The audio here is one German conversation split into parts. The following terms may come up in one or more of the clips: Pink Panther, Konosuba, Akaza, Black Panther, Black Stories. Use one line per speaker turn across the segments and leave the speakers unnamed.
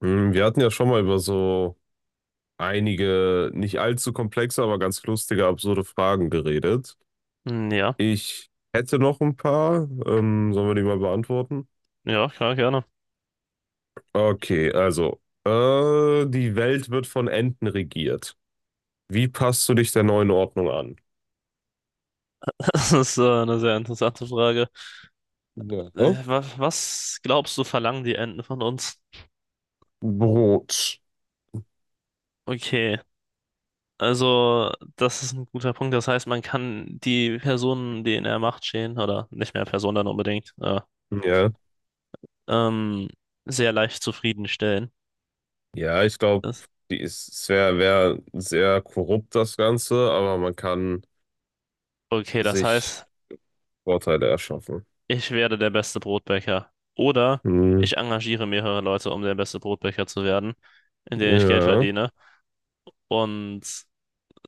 Hm. Wir hatten ja schon mal über so einige nicht allzu komplexe, aber ganz lustige, absurde Fragen geredet.
Ja,
Ich hätte noch ein paar. Sollen wir die mal beantworten?
ja, klar, gerne.
Okay, also, die Welt wird von Enten regiert. Wie passt du dich der neuen Ordnung an?
Das ist eine sehr interessante Frage.
Ja.
Was glaubst du, verlangen die Enten von uns?
Brot.
Okay, also das ist ein guter Punkt. Das heißt, man kann die Personen, die in der Macht stehen, oder nicht mehr Personen dann unbedingt,
Ja.
ähm, sehr leicht zufriedenstellen.
Ja, ich glaube,
Das,
die ist, es wär sehr korrupt, das Ganze, aber man kann
okay, das
sich
heißt,
Vorteile erschaffen.
ich werde der beste Brotbäcker. Oder
Hm,
ich engagiere mehrere Leute, um der beste Brotbäcker zu werden, indem ich Geld
ja.
verdiene. Und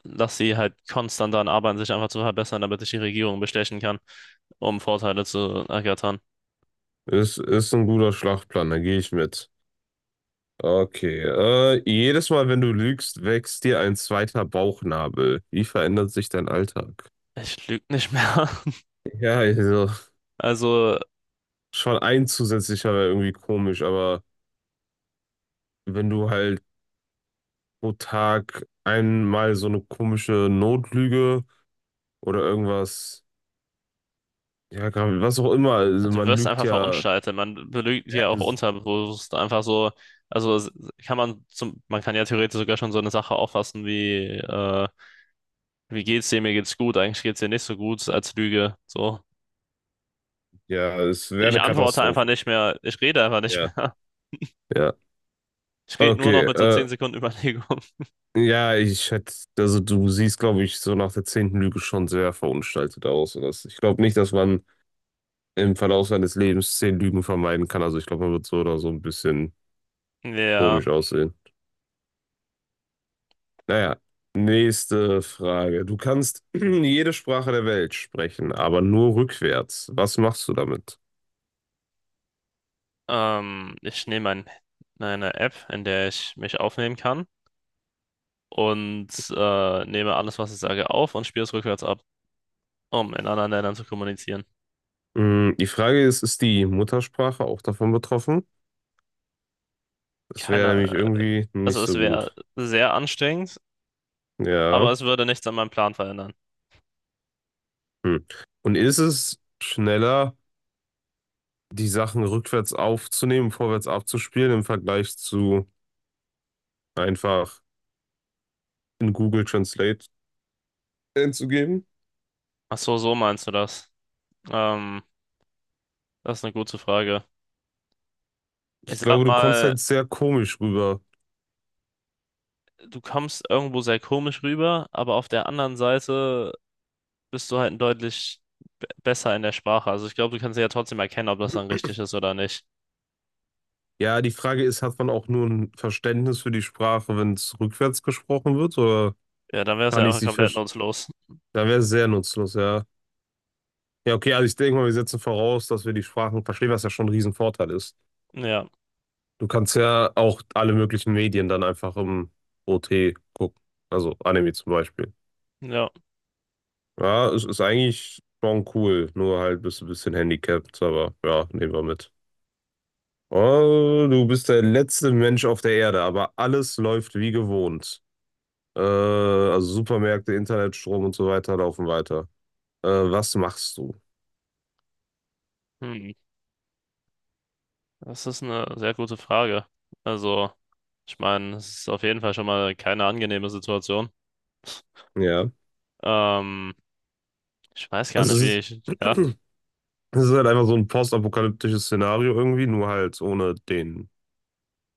dass sie halt konstant daran arbeiten, sich einfach zu verbessern, damit sich die Regierung bestechen kann, um Vorteile zu ergattern.
Ist ein guter Schlachtplan, da gehe ich mit. Okay. Jedes Mal, wenn du lügst, wächst dir ein zweiter Bauchnabel. Wie verändert sich dein Alltag?
Ich lüge nicht mehr.
Ja, also
Also,
schon ein zusätzlicher wäre irgendwie komisch, aber wenn du halt pro Tag einmal so eine komische Notlüge oder irgendwas, ja, was auch immer, also
du
man
wirst
lügt
einfach
ja,
verunstaltet. Man belügt
ja,
hier auch unterbewusst einfach so. Also s- Kann man zum, man kann ja theoretisch sogar schon so eine Sache auffassen wie, wie geht's dir, mir geht's gut, eigentlich geht's dir nicht so gut als Lüge. So.
ja, es wäre
Ich
eine
antworte einfach
Katastrophe.
nicht mehr, ich rede einfach nicht
Ja,
mehr.
ja.
Ich rede nur noch
Okay,
mit so 10 Sekunden Überlegung.
ja, ich hätte, also du siehst, glaube ich, so nach der 10. Lüge schon sehr verunstaltet aus. Und das, ich glaube nicht, dass man im Verlauf seines Lebens 10 Lügen vermeiden kann. Also ich glaube, man wird so oder so ein bisschen
Ja,
komisch aussehen. Naja, nächste Frage. Du kannst jede Sprache der Welt sprechen, aber nur rückwärts. Was machst du damit?
ich nehme eine App, in der ich mich aufnehmen kann und nehme alles, was ich sage, auf und spiele es rückwärts ab, um in anderen Ländern zu kommunizieren.
Hm. Die Frage ist, ist die Muttersprache auch davon betroffen? Das wäre nämlich
Keiner,
irgendwie nicht
also es
so
wäre
gut.
sehr anstrengend, aber
Ja.
es würde nichts an meinem Plan verändern.
Hm. Und ist es schneller, die Sachen rückwärts aufzunehmen, vorwärts abzuspielen im Vergleich zu einfach in Google Translate einzugeben?
Ach so, so meinst du das? Ähm, Das ist eine gute Frage. Ich
Ich
sag
glaube, du kommst
mal,
halt sehr komisch rüber.
du kommst irgendwo sehr komisch rüber, aber auf der anderen Seite bist du halt deutlich besser in der Sprache. Also ich glaube, du kannst ja trotzdem erkennen, ob das dann richtig ist oder nicht.
Ja, die Frage ist, hat man auch nur ein Verständnis für die Sprache, wenn es rückwärts gesprochen wird, oder
Ja, dann wäre es
kann
ja
ich
einfach
sie
komplett
verstehen?
nutzlos.
Dann wäre es sehr nutzlos, ja. Ja, okay, also ich denke mal, wir setzen voraus, dass wir die Sprachen verstehen, was ja schon ein Riesenvorteil ist.
Ja,
Du kannst ja auch alle möglichen Medien dann einfach im OT gucken, also Anime zum Beispiel.
ja.
Ja, es ist eigentlich schon cool, nur halt bist du ein bisschen handicapped, aber ja, nehmen wir mit. Oh, du bist der letzte Mensch auf der Erde, aber alles läuft wie gewohnt. Also Supermärkte, Internet, Strom und so weiter laufen weiter. Was machst du?
Hm. Das ist eine sehr gute Frage. Also, ich meine, es ist auf jeden Fall schon mal keine angenehme Situation.
Ja.
Ähm, ich weiß gar
Also
nicht,
es
wie
ist,
ich. Ja,
es ist halt einfach so ein postapokalyptisches Szenario irgendwie, nur halt ohne den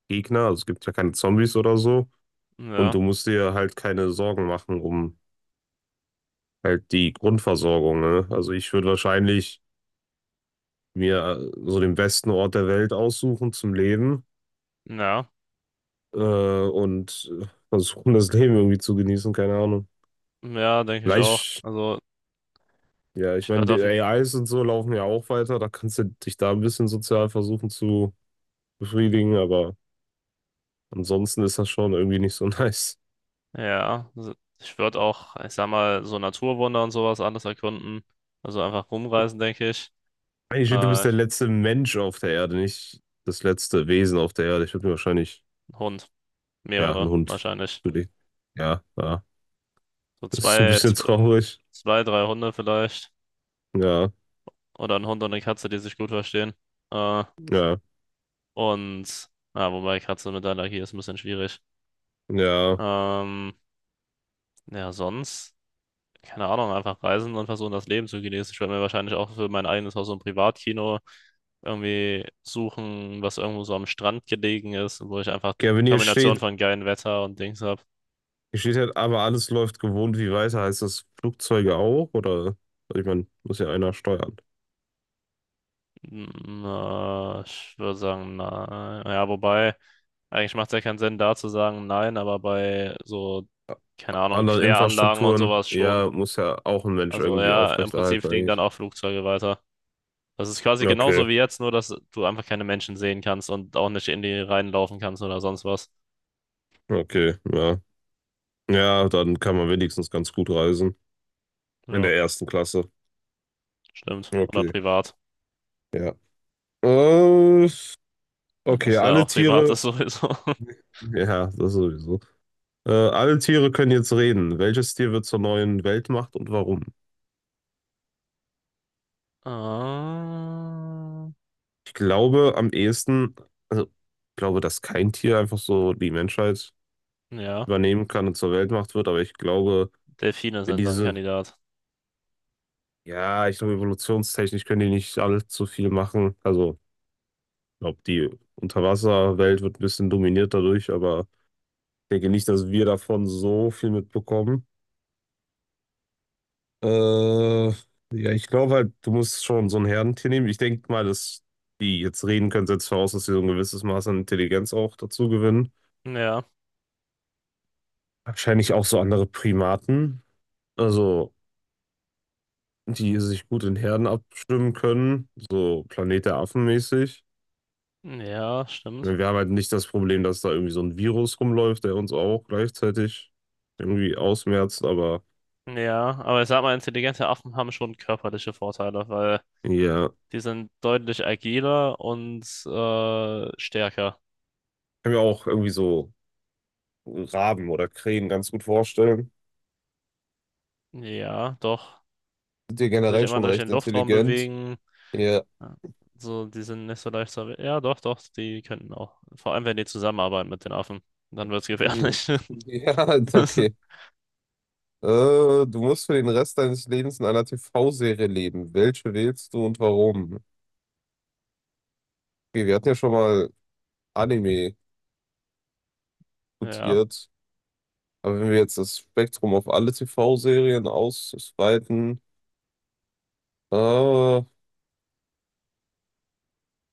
Gegner. Also es gibt ja keine Zombies oder so. Und
ja,
du musst dir halt keine Sorgen machen um halt die Grundversorgung, ne? Also ich würde wahrscheinlich mir so den besten Ort der Welt aussuchen zum Leben
ja,
und versuchen, das Leben irgendwie zu genießen, keine Ahnung.
ja, denke ich auch.
Vielleicht,
Also,
ja, ich
ich
meine,
würde
die
auf.
AIs und so laufen ja auch weiter, da kannst du dich da ein bisschen sozial versuchen zu befriedigen, aber ansonsten ist das schon irgendwie nicht so nice.
Ja, also ich würde auch, ich sag mal, so Naturwunder und sowas alles erkunden. Also einfach rumreisen, denke ich.
Eigentlich, du bist
Äh,
der letzte Mensch auf der Erde, nicht das letzte Wesen auf der Erde. Ich würde mir wahrscheinlich,
Ein Hund.
ja, einen
Mehrere,
Hund
wahrscheinlich.
zulegen. Ja, ja.
So
Das ist ein
zwei,
bisschen
zwei,
traurig.
zwei, drei Hunde vielleicht.
Ja,
Oder ein Hund und eine Katze, die sich gut verstehen. Äh,
ja,
und, ja, wobei Katze mit Allergie ist ein bisschen schwierig.
ja.
Ähm, ja, sonst, keine Ahnung, einfach reisen und versuchen, das Leben zu genießen. Ich werde mir wahrscheinlich auch für mein eigenes Haus so ein Privatkino irgendwie suchen, was irgendwo so am Strand gelegen ist, wo ich einfach
Ja, wenn hier
Kombination
steht,
von geilem Wetter und Dings habe.
hier steht halt, aber alles läuft gewohnt wie weiter. Heißt das Flugzeuge auch? Oder, ich meine, muss ja einer steuern.
Hm, ich würde sagen, na, ja, wobei. Eigentlich macht es ja keinen Sinn, da zu sagen, nein, aber bei so, keine Ahnung,
Andere
Kläranlagen und
Infrastrukturen,
sowas schon.
ja, muss ja auch ein Mensch
Also
irgendwie
ja, im Prinzip
aufrechterhalten
fliegen dann
eigentlich.
auch Flugzeuge weiter. Das ist quasi genauso
Okay,
wie jetzt, nur dass du einfach keine Menschen sehen kannst und auch nicht in die reinlaufen kannst oder sonst was.
okay, ja. Ja, dann kann man wenigstens ganz gut reisen. In
Ja,
der ersten Klasse.
stimmt. Oder
Okay,
privat.
ja. Äh,
Weil
okay,
das ja
alle
auch privat
Tiere.
ist sowieso.
Ja, das sowieso. Alle Tiere können jetzt reden. Welches Tier wird zur neuen Weltmacht und warum?
Ah,
Ich glaube am ehesten, also ich glaube, dass kein Tier einfach so die Menschheit
ja,
übernehmen kann und zur Weltmacht wird, aber ich glaube,
Delfine
wenn
sind so ein
diese,
Kandidat.
ja, ich glaube, evolutionstechnisch können die nicht allzu viel machen. Also, ich glaube, die Unterwasserwelt wird ein bisschen dominiert dadurch, aber ich denke nicht, dass wir davon so viel mitbekommen. Ja, ich glaube halt, du musst schon so ein Herdentier nehmen. Ich denke mal, dass die jetzt reden können, setzt voraus, dass sie so ein gewisses Maß an Intelligenz auch dazu gewinnen.
Ja,
Wahrscheinlich auch so andere Primaten, also die sich gut in Herden abstimmen können, so Planet der Affen mäßig.
ja,
Ich
stimmt.
meine, wir haben halt nicht das Problem, dass da irgendwie so ein Virus rumläuft, der uns auch gleichzeitig irgendwie ausmerzt, aber
Ja, aber ich sag mal, intelligente Affen haben schon körperliche Vorteile, weil
ja,
die sind deutlich agiler und stärker.
kann mir auch irgendwie so Raben oder Krähen ganz gut vorstellen.
Ja, doch.
Sind die
Kann sich
generell
immer
schon
durch den
recht
Luftraum
intelligent?
bewegen.
Ja,
Ja. So, die sind nicht so leicht zu. Ja, doch, die könnten auch. Vor allem, wenn die zusammenarbeiten mit den Affen. Dann wird's gefährlich.
ja, ja, okay. Äh, Du musst für den Rest deines Lebens in einer TV-Serie leben. Welche wählst du und warum? Okay, wir hatten ja schon mal Anime
Ja,
diskutiert, aber wenn wir jetzt das Spektrum auf alle TV-Serien ausweiten, äh,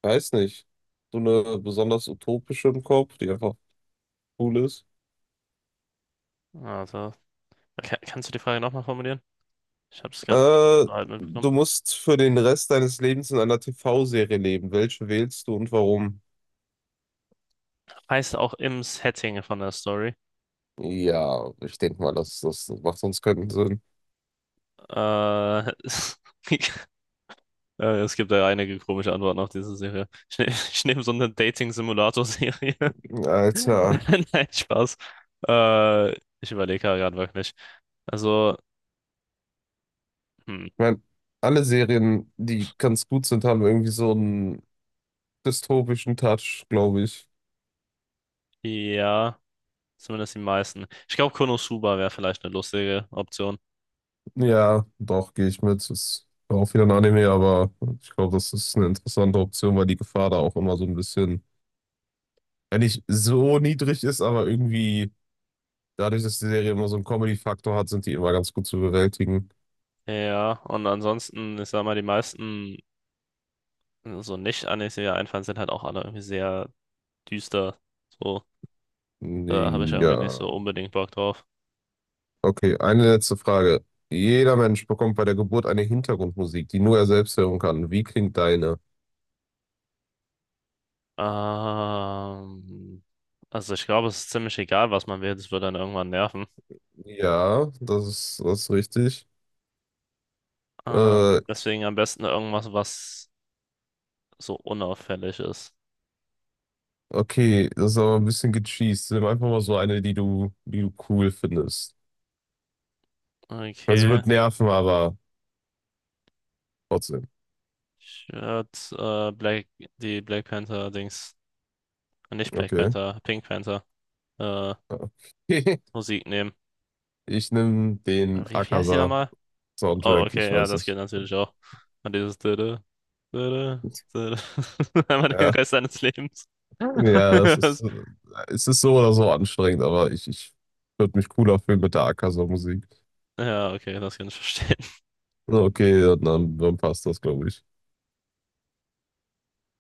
weiß nicht, so eine besonders utopische im Kopf, die einfach cool ist.
also. Kannst du die Frage nochmal formulieren? Ich habe es gerade
Äh,
halt mitbekommen.
Du musst für den Rest deines Lebens in einer TV-Serie leben. Welche wählst du und warum?
Heißt auch im Setting von der Story.
Ja, ich denke mal, das, das macht sonst keinen Sinn.
Äh, Es gibt ja einige komische Antworten auf diese Serie. Ich, ne ich nehme so eine Dating-Simulator-Serie.
Alter,
Nein, Spaß. Äh, ich überlege gerade wirklich. Also, hm,
ich meine, alle Serien, die ganz gut sind, haben irgendwie so einen dystopischen Touch, glaube ich.
ja, zumindest die meisten. Ich glaube, Konosuba wäre vielleicht eine lustige Option.
Ja, doch, gehe ich mit. Ist auch wieder ein Anime, aber ich glaube, das ist eine interessante Option, weil die Gefahr da auch immer so ein bisschen, wenn nicht so niedrig ist, aber irgendwie dadurch, dass die Serie immer so einen Comedy-Faktor hat, sind die immer ganz gut zu bewältigen.
Ja, und ansonsten, ich sag mal, die meisten so Nicht-Animes, die mir einfallen, sind halt auch alle irgendwie sehr düster. So, da habe ich irgendwie nicht so
Ja.
unbedingt Bock drauf.
Okay, eine letzte Frage. Jeder Mensch bekommt bei der Geburt eine Hintergrundmusik, die nur er selbst hören kann. Wie klingt deine?
Ähm, also ich glaube, es ist ziemlich egal, was man will, das wird dann irgendwann nerven.
Ja, das ist richtig.
Ähm,
Äh,
deswegen am besten irgendwas, was so unauffällig ist.
Okay, das ist aber ein bisschen gecheest. Nimm einfach mal so eine, die du cool findest. Also sie
Okay.
wird nerven, aber trotzdem.
Ich Black, die Black Panther Dings, nicht Black
Okay.
Panther, Pink Panther äh,
Okay.
Musik nehmen.
Ich nehme den
Wie heißt die
Akaza-Soundtrack,
nochmal? Oh,
ich
okay, ja,
weiß
das geht
nicht.
natürlich auch. Und dieses Dödö, Dödö, Dödö. Einmal den
Ja,
Rest seines Lebens.
ja, es ist so oder so anstrengend, aber ich würde mich cooler fühlen mit der Akaza-Musik.
Ja, okay, das kann ich verstehen.
Okay, dann, dann passt das, glaube ich.